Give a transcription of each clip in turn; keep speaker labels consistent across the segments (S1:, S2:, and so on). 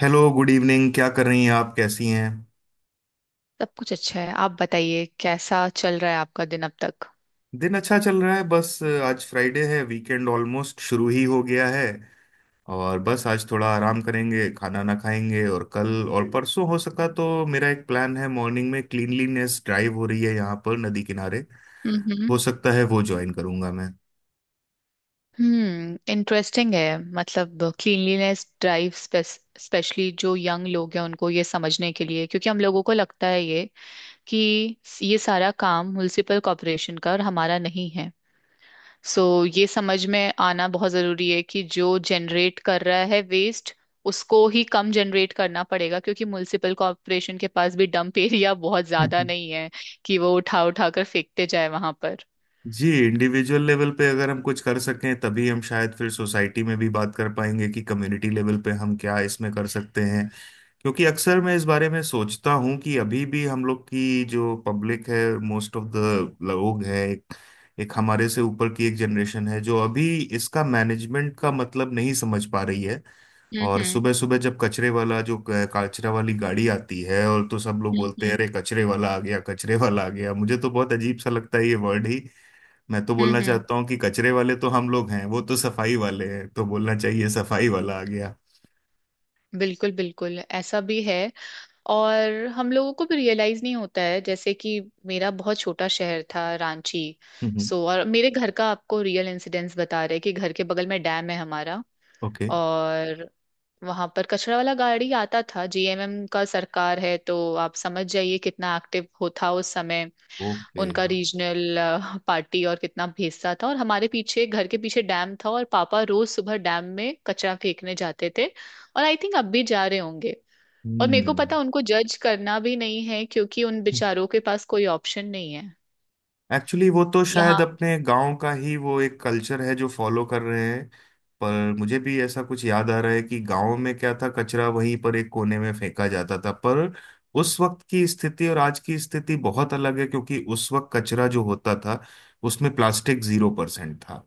S1: Hello. Good evening. क्या कर रही हैं आप? कैसी हैं?
S2: सब कुछ अच्छा है। आप बताइए, कैसा चल रहा है आपका दिन अब तक?
S1: दिन अच्छा चल रहा है। बस आज फ्राइडे है। वीकेंड ऑलमोस्ट शुरू ही हो गया है। और बस आज थोड़ा आराम करेंगे, खाना ना खाएंगे। और कल और परसों हो सका तो मेरा एक प्लान है। मॉर्निंग में क्लीनलीनेस ड्राइव हो रही है यहाँ पर नदी किनारे।
S2: हम्म।
S1: हो सकता है वो ज्वाइन करूंगा मैं।
S2: हम्म। इंटरेस्टिंग है। मतलब, क्लीनलीनेस ड्राइव। स्पेशली जो यंग लोग हैं, उनको ये समझने के लिए, क्योंकि हम लोगों को लगता है ये कि ये सारा काम म्युनिसिपल कॉरपोरेशन का, और हमारा नहीं है। सो, ये समझ में आना बहुत जरूरी है कि जो जनरेट कर रहा है वेस्ट, उसको ही कम जनरेट करना पड़ेगा, क्योंकि म्युनिसिपल कॉर्पोरेशन के पास भी डंप एरिया बहुत ज्यादा नहीं है कि वो उठा उठा कर फेंकते जाए वहां पर।
S1: जी, इंडिविजुअल लेवल पे अगर हम कुछ कर सकें तभी हम शायद फिर सोसाइटी में भी बात कर पाएंगे कि कम्युनिटी लेवल पे हम क्या इसमें कर सकते हैं। क्योंकि अक्सर मैं इस बारे में सोचता हूँ कि अभी भी हम लोग की जो पब्लिक है, मोस्ट ऑफ द लोग है, एक हमारे से ऊपर की एक जनरेशन है जो अभी इसका मैनेजमेंट का मतलब नहीं समझ पा रही है।
S2: हम्म।
S1: और
S2: हम्म।
S1: सुबह सुबह जब कचरे वाला जो कचरा वाली गाड़ी आती है और तो सब लोग बोलते हैं
S2: हम्म।
S1: अरे कचरे वाला आ गया, कचरे वाला आ गया। मुझे तो बहुत अजीब सा लगता है ये वर्ड ही। मैं तो बोलना
S2: हम्म।
S1: चाहता हूँ कि कचरे वाले तो हम लोग हैं, वो तो सफाई वाले हैं। तो बोलना चाहिए सफाई वाला आ गया।
S2: बिल्कुल बिल्कुल ऐसा भी है। और हम लोगों को भी रियलाइज नहीं होता है। जैसे कि मेरा बहुत छोटा शहर था, रांची।
S1: हम्म।
S2: सो, और मेरे घर का आपको रियल इंसिडेंस बता रहे हैं कि घर के बगल में डैम है हमारा।
S1: ओके।
S2: और वहां पर कचरा वाला गाड़ी आता था। जीएमएम का सरकार है, तो आप समझ जाइए कितना एक्टिव हो था उस समय।
S1: ओके।
S2: उनका रीजनल पार्टी, और कितना भेजता था। और हमारे पीछे, घर के पीछे डैम था, और पापा रोज सुबह डैम में कचरा फेंकने जाते थे। और आई थिंक अब भी जा रहे होंगे। और मेरे को
S1: हम्म।
S2: पता, उनको जज करना भी नहीं है क्योंकि उन बेचारों के पास कोई ऑप्शन नहीं है।
S1: एक्चुअली वो तो शायद
S2: यहाँ।
S1: अपने गांव का ही वो एक कल्चर है जो फॉलो कर रहे हैं। पर मुझे भी ऐसा कुछ याद आ रहा है कि गांव में क्या था, कचरा वहीं पर एक कोने में फेंका जाता था। पर उस वक्त की स्थिति और आज की स्थिति बहुत अलग है, क्योंकि उस वक्त कचरा जो होता था उसमें प्लास्टिक 0% था।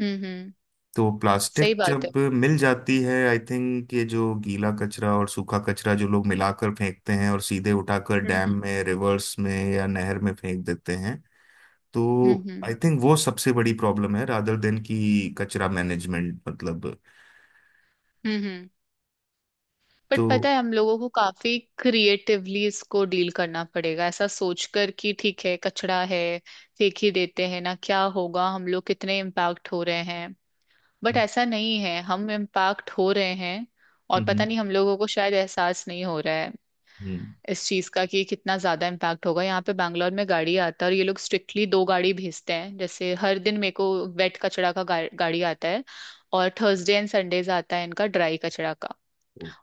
S2: हम्म। हम्म।
S1: तो प्लास्टिक
S2: सही बात है।
S1: जब मिल जाती है आई थिंक ये जो गीला कचरा और सूखा कचरा जो लोग मिलाकर फेंकते हैं और सीधे उठाकर डैम
S2: हम्म।
S1: में, रिवर्स में या नहर में फेंक देते हैं।
S2: हम्म।
S1: तो
S2: हम्म। हम्म।
S1: आई थिंक वो सबसे बड़ी प्रॉब्लम है रादर देन की कचरा मैनेजमेंट मतलब।
S2: हम्म। हम्म।
S1: तो।
S2: बट पता है, हम लोगों को काफी क्रिएटिवली इसको डील करना पड़ेगा, ऐसा सोचकर कि ठीक है, कचरा है, फेंक ही देते हैं, ना क्या होगा, हम लोग कितने इम्पैक्ट हो रहे हैं? बट
S1: हम्म।
S2: ऐसा नहीं है, हम इम्पैक्ट हो रहे हैं। और पता
S1: हम्म।
S2: नहीं, हम लोगों को शायद एहसास नहीं हो रहा है इस चीज का कि कितना ज्यादा इम्पैक्ट होगा। यहाँ पे बैंगलोर में गाड़ी आता है, और ये लोग स्ट्रिक्टली दो गाड़ी भेजते हैं जैसे हर दिन मेरे को। वेट कचरा का गाड़ी आता है। और थर्सडे एंड संडेज आता है इनका ड्राई कचरा का।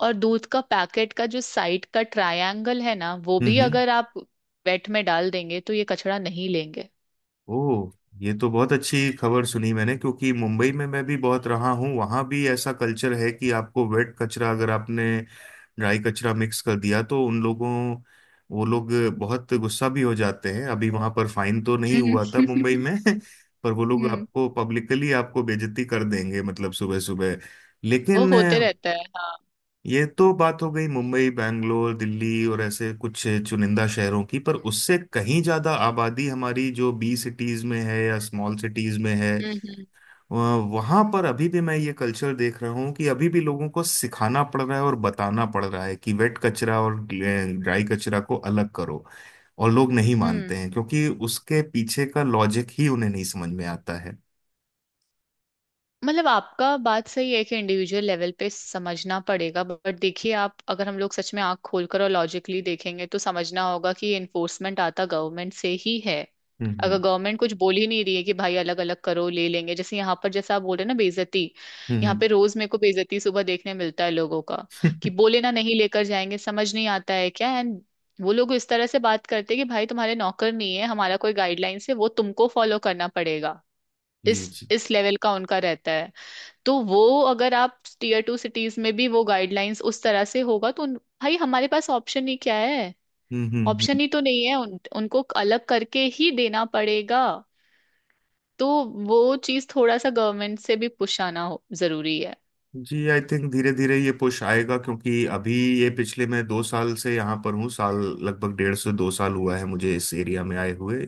S2: और दूध का पैकेट का जो साइड का ट्रायंगल है ना, वो भी
S1: हम्म।
S2: अगर आप वेट में डाल देंगे तो ये कचरा नहीं लेंगे।
S1: ओह। ये तो बहुत अच्छी खबर सुनी मैंने, क्योंकि मुंबई में मैं भी बहुत रहा हूँ। वहाँ भी ऐसा कल्चर है कि आपको वेट कचरा अगर आपने ड्राई कचरा मिक्स कर दिया तो उन लोगों वो लोग बहुत गुस्सा भी हो जाते हैं। अभी वहाँ पर फाइन तो नहीं
S2: हम्म।
S1: हुआ था मुंबई में। पर वो
S2: हम्म।
S1: लोग आपको पब्लिकली आपको बेइज्जती कर देंगे, मतलब सुबह सुबह।
S2: वो
S1: लेकिन
S2: होते रहता है, हाँ।
S1: ये तो बात हो गई मुंबई, बैंगलोर, दिल्ली और ऐसे कुछ चुनिंदा शहरों की। पर उससे कहीं ज्यादा आबादी हमारी जो बी सिटीज में है या स्मॉल सिटीज में है।
S2: हम्म। हम्म।
S1: वहां पर अभी भी मैं ये कल्चर देख रहा हूँ कि अभी भी लोगों को सिखाना पड़ रहा है और बताना पड़ रहा है कि वेट कचरा और ड्राई कचरा को अलग करो। और लोग नहीं
S2: हम्म।
S1: मानते हैं क्योंकि उसके पीछे का लॉजिक ही उन्हें नहीं समझ में आता है।
S2: मतलब आपका बात सही है कि इंडिविजुअल लेवल पे समझना पड़ेगा। बट देखिए, आप अगर हम लोग सच में आंख खोलकर और लॉजिकली देखेंगे तो समझना होगा कि ये इन्फोर्समेंट आता गवर्नमेंट से ही है।
S1: हम्म।
S2: अगर
S1: हम्म।
S2: गवर्नमेंट कुछ बोल ही नहीं रही है कि भाई अलग अलग करो, ले लेंगे, जैसे यहाँ पर जैसे आप बोल रहे हैं ना, बेइज्जती। यहाँ
S1: हम्म।
S2: पे रोज मेरे को बेइज्जती सुबह देखने मिलता है लोगों का। कि बोले ना, नहीं लेकर जाएंगे, समझ नहीं आता है क्या। एंड, वो लोग इस तरह से बात करते हैं कि भाई, तुम्हारे नौकर नहीं है। हमारा कोई गाइडलाइंस है, वो तुमको फॉलो करना पड़ेगा। इस
S1: जी। जी।
S2: इस लेवल का उनका रहता है। तो वो अगर आप टीयर 2 सिटीज में भी वो गाइडलाइंस उस तरह से होगा तो भाई, हमारे पास ऑप्शन ही क्या है?
S1: हम्म। हम्म। हम्म।
S2: ऑप्शन ही तो नहीं है, उनको अलग करके ही देना पड़ेगा। तो वो चीज थोड़ा सा गवर्नमेंट से भी पुश आना हो जरूरी है।
S1: जी, आई थिंक धीरे धीरे ये पुश आएगा क्योंकि अभी ये पिछले मैं 2 साल से यहाँ पर हूँ। साल लगभग डेढ़ से दो साल हुआ है मुझे इस एरिया में आए हुए।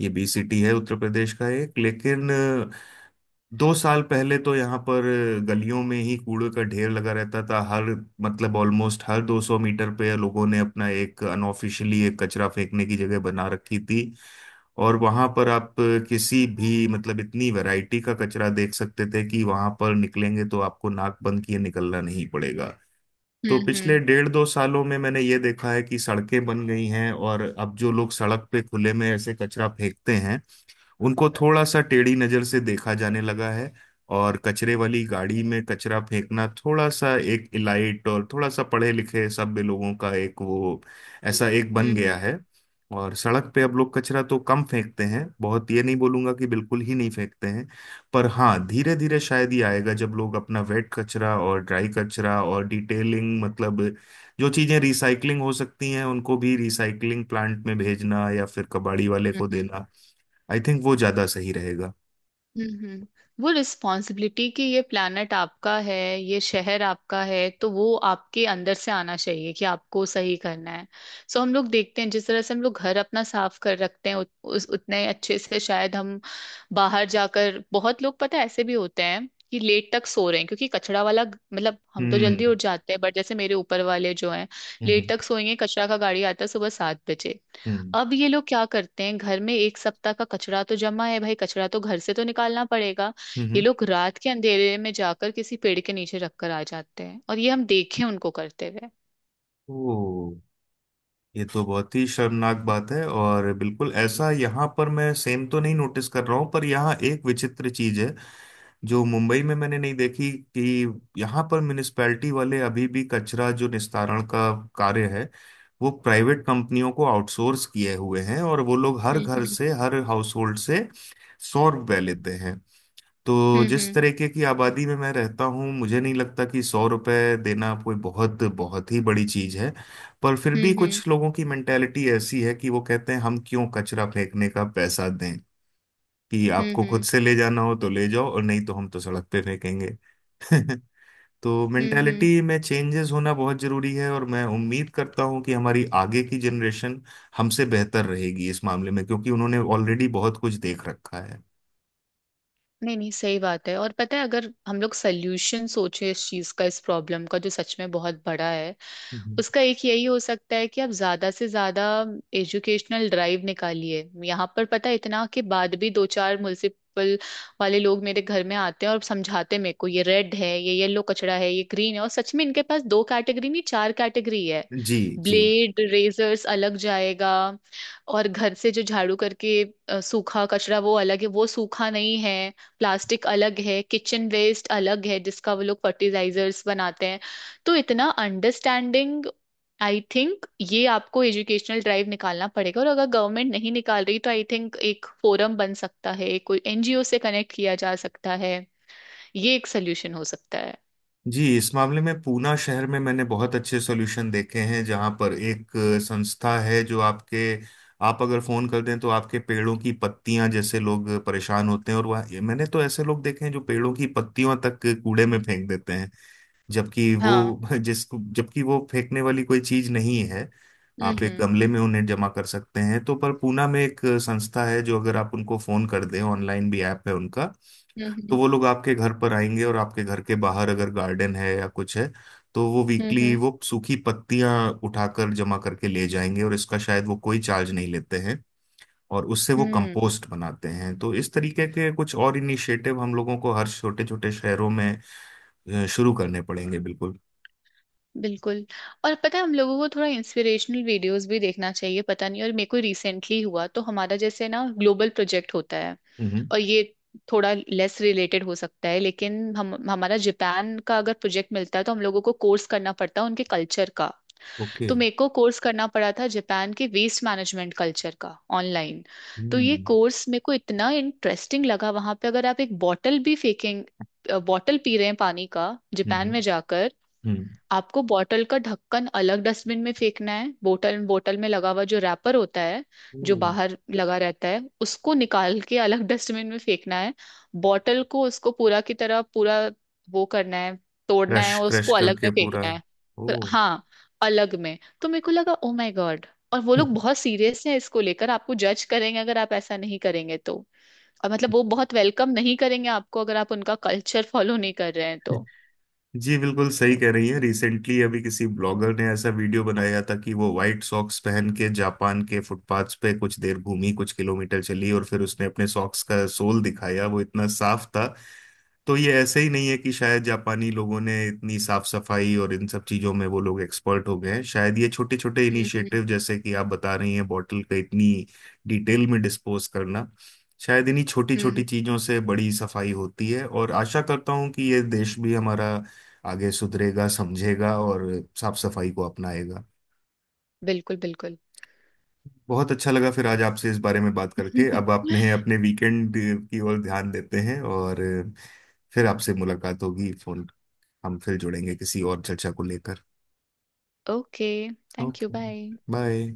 S1: ये बी सिटी है उत्तर प्रदेश का एक। लेकिन 2 साल पहले तो यहाँ पर गलियों में ही कूड़े का ढेर लगा रहता था हर, मतलब ऑलमोस्ट हर 200 मीटर पे लोगों ने अपना एक अनऑफिशियली एक कचरा फेंकने की जगह बना रखी थी। और वहां पर आप किसी भी, मतलब इतनी वैरायटी का कचरा देख सकते थे कि वहां पर निकलेंगे तो आपको नाक बंद किए निकलना नहीं पड़ेगा। तो
S2: हम्म।
S1: पिछले
S2: हम्म।
S1: डेढ़ दो सालों में मैंने ये देखा है कि सड़कें बन गई हैं। और अब जो लोग सड़क पे खुले में ऐसे कचरा फेंकते हैं, उनको थोड़ा सा टेढ़ी नजर से देखा जाने लगा है। और कचरे वाली गाड़ी में कचरा फेंकना थोड़ा सा एक इलाइट और थोड़ा सा पढ़े लिखे सभ्य लोगों का एक वो, ऐसा एक बन गया
S2: हम्म।
S1: है। और सड़क पे अब लोग कचरा तो कम फेंकते हैं बहुत, ये नहीं बोलूंगा कि बिल्कुल ही नहीं फेंकते हैं। पर हाँ, धीरे धीरे शायद ये आएगा जब लोग अपना वेट कचरा और ड्राई कचरा और डिटेलिंग, मतलब जो चीजें रिसाइकलिंग हो सकती हैं उनको भी रिसाइकलिंग प्लांट में भेजना या फिर कबाड़ी वाले
S2: हम्म।
S1: को
S2: हम्म।
S1: देना। आई थिंक वो ज्यादा सही रहेगा।
S2: हम्म। वो रिस्पॉन्सिबिलिटी कि ये प्लानट आपका है, ये शहर आपका है, तो वो आपके अंदर से आना चाहिए कि आपको सही करना है। सो हम लोग देखते हैं, जिस तरह से हम लोग घर अपना साफ कर रखते हैं, उस उतने अच्छे से शायद हम बाहर जाकर। बहुत लोग पता है ऐसे भी होते हैं कि लेट तक सो रहे हैं, क्योंकि कचरा वाला, मतलब हम तो जल्दी
S1: हम्म।
S2: उठ जाते हैं, बट जैसे मेरे ऊपर वाले जो हैं, लेट
S1: हम्म।
S2: तक सोएंगे। कचरा का गाड़ी आता है सुबह 7 बजे।
S1: हम्म।
S2: अब ये लोग क्या करते हैं, घर में एक सप्ताह का कचरा तो जमा है, भाई कचरा तो घर से तो निकालना पड़ेगा। ये
S1: हम्म।
S2: लोग रात के अंधेरे में जाकर किसी पेड़ के नीचे रखकर आ जाते हैं, और ये हम देखे उनको करते हुए।
S1: ओ। ये तो बहुत ही शर्मनाक बात है और बिल्कुल ऐसा यहाँ पर मैं सेम तो नहीं नोटिस कर रहा हूँ। पर यहाँ एक विचित्र चीज है जो मुंबई में मैंने नहीं देखी, कि यहाँ पर म्युनिसपैलिटी वाले अभी भी कचरा जो निस्तारण का कार्य है वो प्राइवेट कंपनियों को आउटसोर्स किए हुए हैं और वो लोग हर घर
S2: हम्म।
S1: से, हर हाउस होल्ड से 100 रुपए लेते हैं। तो जिस
S2: हम्म।
S1: तरीके की आबादी में मैं रहता हूँ मुझे नहीं लगता कि 100 रुपये देना कोई बहुत बहुत ही बड़ी चीज़ है। पर फिर
S2: हम्म।
S1: भी
S2: हम्म। हम्म।
S1: कुछ लोगों की मेंटेलिटी ऐसी है कि वो कहते हैं हम क्यों कचरा फेंकने का पैसा दें। कि
S2: हम्म।
S1: आपको खुद
S2: हम्म।
S1: से ले जाना हो तो ले जाओ और नहीं तो हम तो सड़क पे फेंकेंगे। तो
S2: हम्म। हम्म।
S1: मेंटेलिटी में चेंजेस होना बहुत ज़रूरी है। और मैं उम्मीद करता हूँ कि हमारी आगे की जनरेशन हमसे बेहतर रहेगी इस मामले में, क्योंकि उन्होंने ऑलरेडी बहुत कुछ देख रखा है।
S2: नहीं नहीं, सही बात है। और पता है, अगर हम लोग सोल्यूशन सोचे इस चीज का, इस प्रॉब्लम का जो सच में बहुत बड़ा है,
S1: हम्म।
S2: उसका एक यही हो सकता है कि आप ज्यादा से ज्यादा एजुकेशनल ड्राइव निकालिए। यहाँ पर पता है, इतना के बाद भी दो चार म्युनिसिपल वाले लोग मेरे घर में आते हैं और समझाते हैं मेरे को, ये रेड है, ये येलो कचरा है, ये ग्रीन है। और सच में इनके पास दो कैटेगरी नहीं, चार कैटेगरी है।
S1: जी। जी।
S2: ब्लेड रेजर्स अलग जाएगा। और घर से जो झाड़ू करके सूखा कचरा, वो अलग है, वो सूखा नहीं है। प्लास्टिक अलग है, किचन वेस्ट अलग है, जिसका वो लोग फर्टिलाइजर्स बनाते हैं। तो इतना अंडरस्टैंडिंग आई थिंक ये आपको एजुकेशनल ड्राइव निकालना पड़ेगा। और अगर गवर्नमेंट नहीं निकाल रही, तो आई थिंक एक फोरम बन सकता है, कोई एनजीओ से कनेक्ट किया जा सकता है। ये एक सोल्यूशन हो सकता है।
S1: जी, इस मामले में पूना शहर में मैंने बहुत अच्छे सॉल्यूशन देखे हैं जहाँ पर एक संस्था है जो आपके आप अगर फोन कर दें तो आपके पेड़ों की पत्तियां, जैसे लोग परेशान होते हैं। और मैंने तो ऐसे लोग देखे हैं जो पेड़ों की पत्तियों तक कूड़े में फेंक देते हैं, जबकि
S2: हाँ।
S1: वो जिसको, जबकि वो फेंकने वाली कोई चीज नहीं है।
S2: हम्म।
S1: आप एक
S2: हम्म।
S1: गमले में उन्हें जमा कर सकते हैं तो। पर पूना में एक संस्था है जो अगर आप उनको फोन कर दें, ऑनलाइन भी ऐप है उनका। तो
S2: हम्म।
S1: वो लोग आपके घर पर आएंगे और आपके घर के बाहर अगर गार्डन है या कुछ है तो वो
S2: हम्म।
S1: वीकली
S2: हम्म।
S1: वो सूखी पत्तियां उठाकर जमा करके ले जाएंगे। और इसका शायद वो कोई चार्ज नहीं लेते हैं। और उससे वो
S2: हम्म।
S1: कंपोस्ट बनाते हैं। तो इस तरीके के कुछ और इनिशिएटिव हम लोगों को हर छोटे छोटे शहरों में शुरू करने पड़ेंगे बिल्कुल।
S2: बिल्कुल। और पता है, हम लोगों को थोड़ा इंस्पिरेशनल वीडियोस भी देखना चाहिए। पता नहीं, और मेरे को रिसेंटली हुआ, तो हमारा जैसे ना ग्लोबल प्रोजेक्ट होता है।
S1: हम्म।
S2: और ये थोड़ा लेस रिलेटेड हो सकता है, लेकिन हम हमारा जापान का अगर प्रोजेक्ट मिलता है तो हम लोगों को कोर्स करना पड़ता है उनके कल्चर का।
S1: ओके।
S2: तो मेरे को कोर्स करना पड़ा था जापान के वेस्ट मैनेजमेंट कल्चर का, ऑनलाइन। तो ये
S1: हम्म।
S2: कोर्स मेरे को इतना इंटरेस्टिंग लगा। वहां पे अगर आप एक बॉटल भी फेंकेंगे, बॉटल पी रहे हैं पानी का जापान
S1: हम्म।
S2: में जाकर,
S1: हम्म।
S2: आपको बॉटल का ढक्कन अलग डस्टबिन में फेंकना है। बोतल बोतल में लगा हुआ जो रैपर होता है,
S1: ओ।
S2: जो बाहर लगा रहता है, उसको निकाल के अलग डस्टबिन में फेंकना है। बॉटल को उसको पूरा की तरह, पूरा वो करना है, तोड़ना
S1: क्रश
S2: है, और
S1: क्रश
S2: उसको अलग
S1: करके
S2: में
S1: पूरा।
S2: फेंकना है।
S1: ओ।
S2: हाँ, अलग में। तो मेरे को लगा, ओ माय गॉड। और वो लोग बहुत सीरियस हैं इसको लेकर। आपको जज करेंगे अगर आप ऐसा नहीं करेंगे तो। और मतलब वो बहुत वेलकम नहीं करेंगे आपको अगर आप उनका कल्चर फॉलो नहीं कर रहे हैं तो।
S1: जी, बिल्कुल सही कह रही है। रिसेंटली अभी किसी ब्लॉगर ने ऐसा वीडियो बनाया था कि वो व्हाइट सॉक्स पहन के जापान के फुटपाथ्स पे कुछ देर घूमी, कुछ किलोमीटर चली। और फिर उसने अपने सॉक्स का सोल दिखाया, वो इतना साफ था। तो ये ऐसे ही नहीं है कि शायद जापानी लोगों ने इतनी साफ सफाई और इन सब चीजों में वो लोग एक्सपर्ट हो गए हैं। शायद ये छोटे छोटे
S2: हम्म। हम्म।
S1: इनिशिएटिव, जैसे कि आप बता रही हैं बॉटल का इतनी डिटेल में डिस्पोज करना, शायद इन्हीं छोटी
S2: हम्म,
S1: छोटी
S2: हम्म।
S1: चीजों से बड़ी सफाई होती है। और आशा करता हूं कि ये देश भी हमारा आगे सुधरेगा, समझेगा और साफ सफाई को अपनाएगा।
S2: बिल्कुल बिल्कुल।
S1: बहुत अच्छा लगा फिर आज आपसे इस बारे में बात करके। अब आपने अपने वीकेंड की ओर ध्यान देते हैं और फिर आपसे मुलाकात होगी। फोन, हम फिर जुड़ेंगे किसी और चर्चा को लेकर।
S2: Okay. Thank you.
S1: Okay.
S2: Bye.
S1: Bye.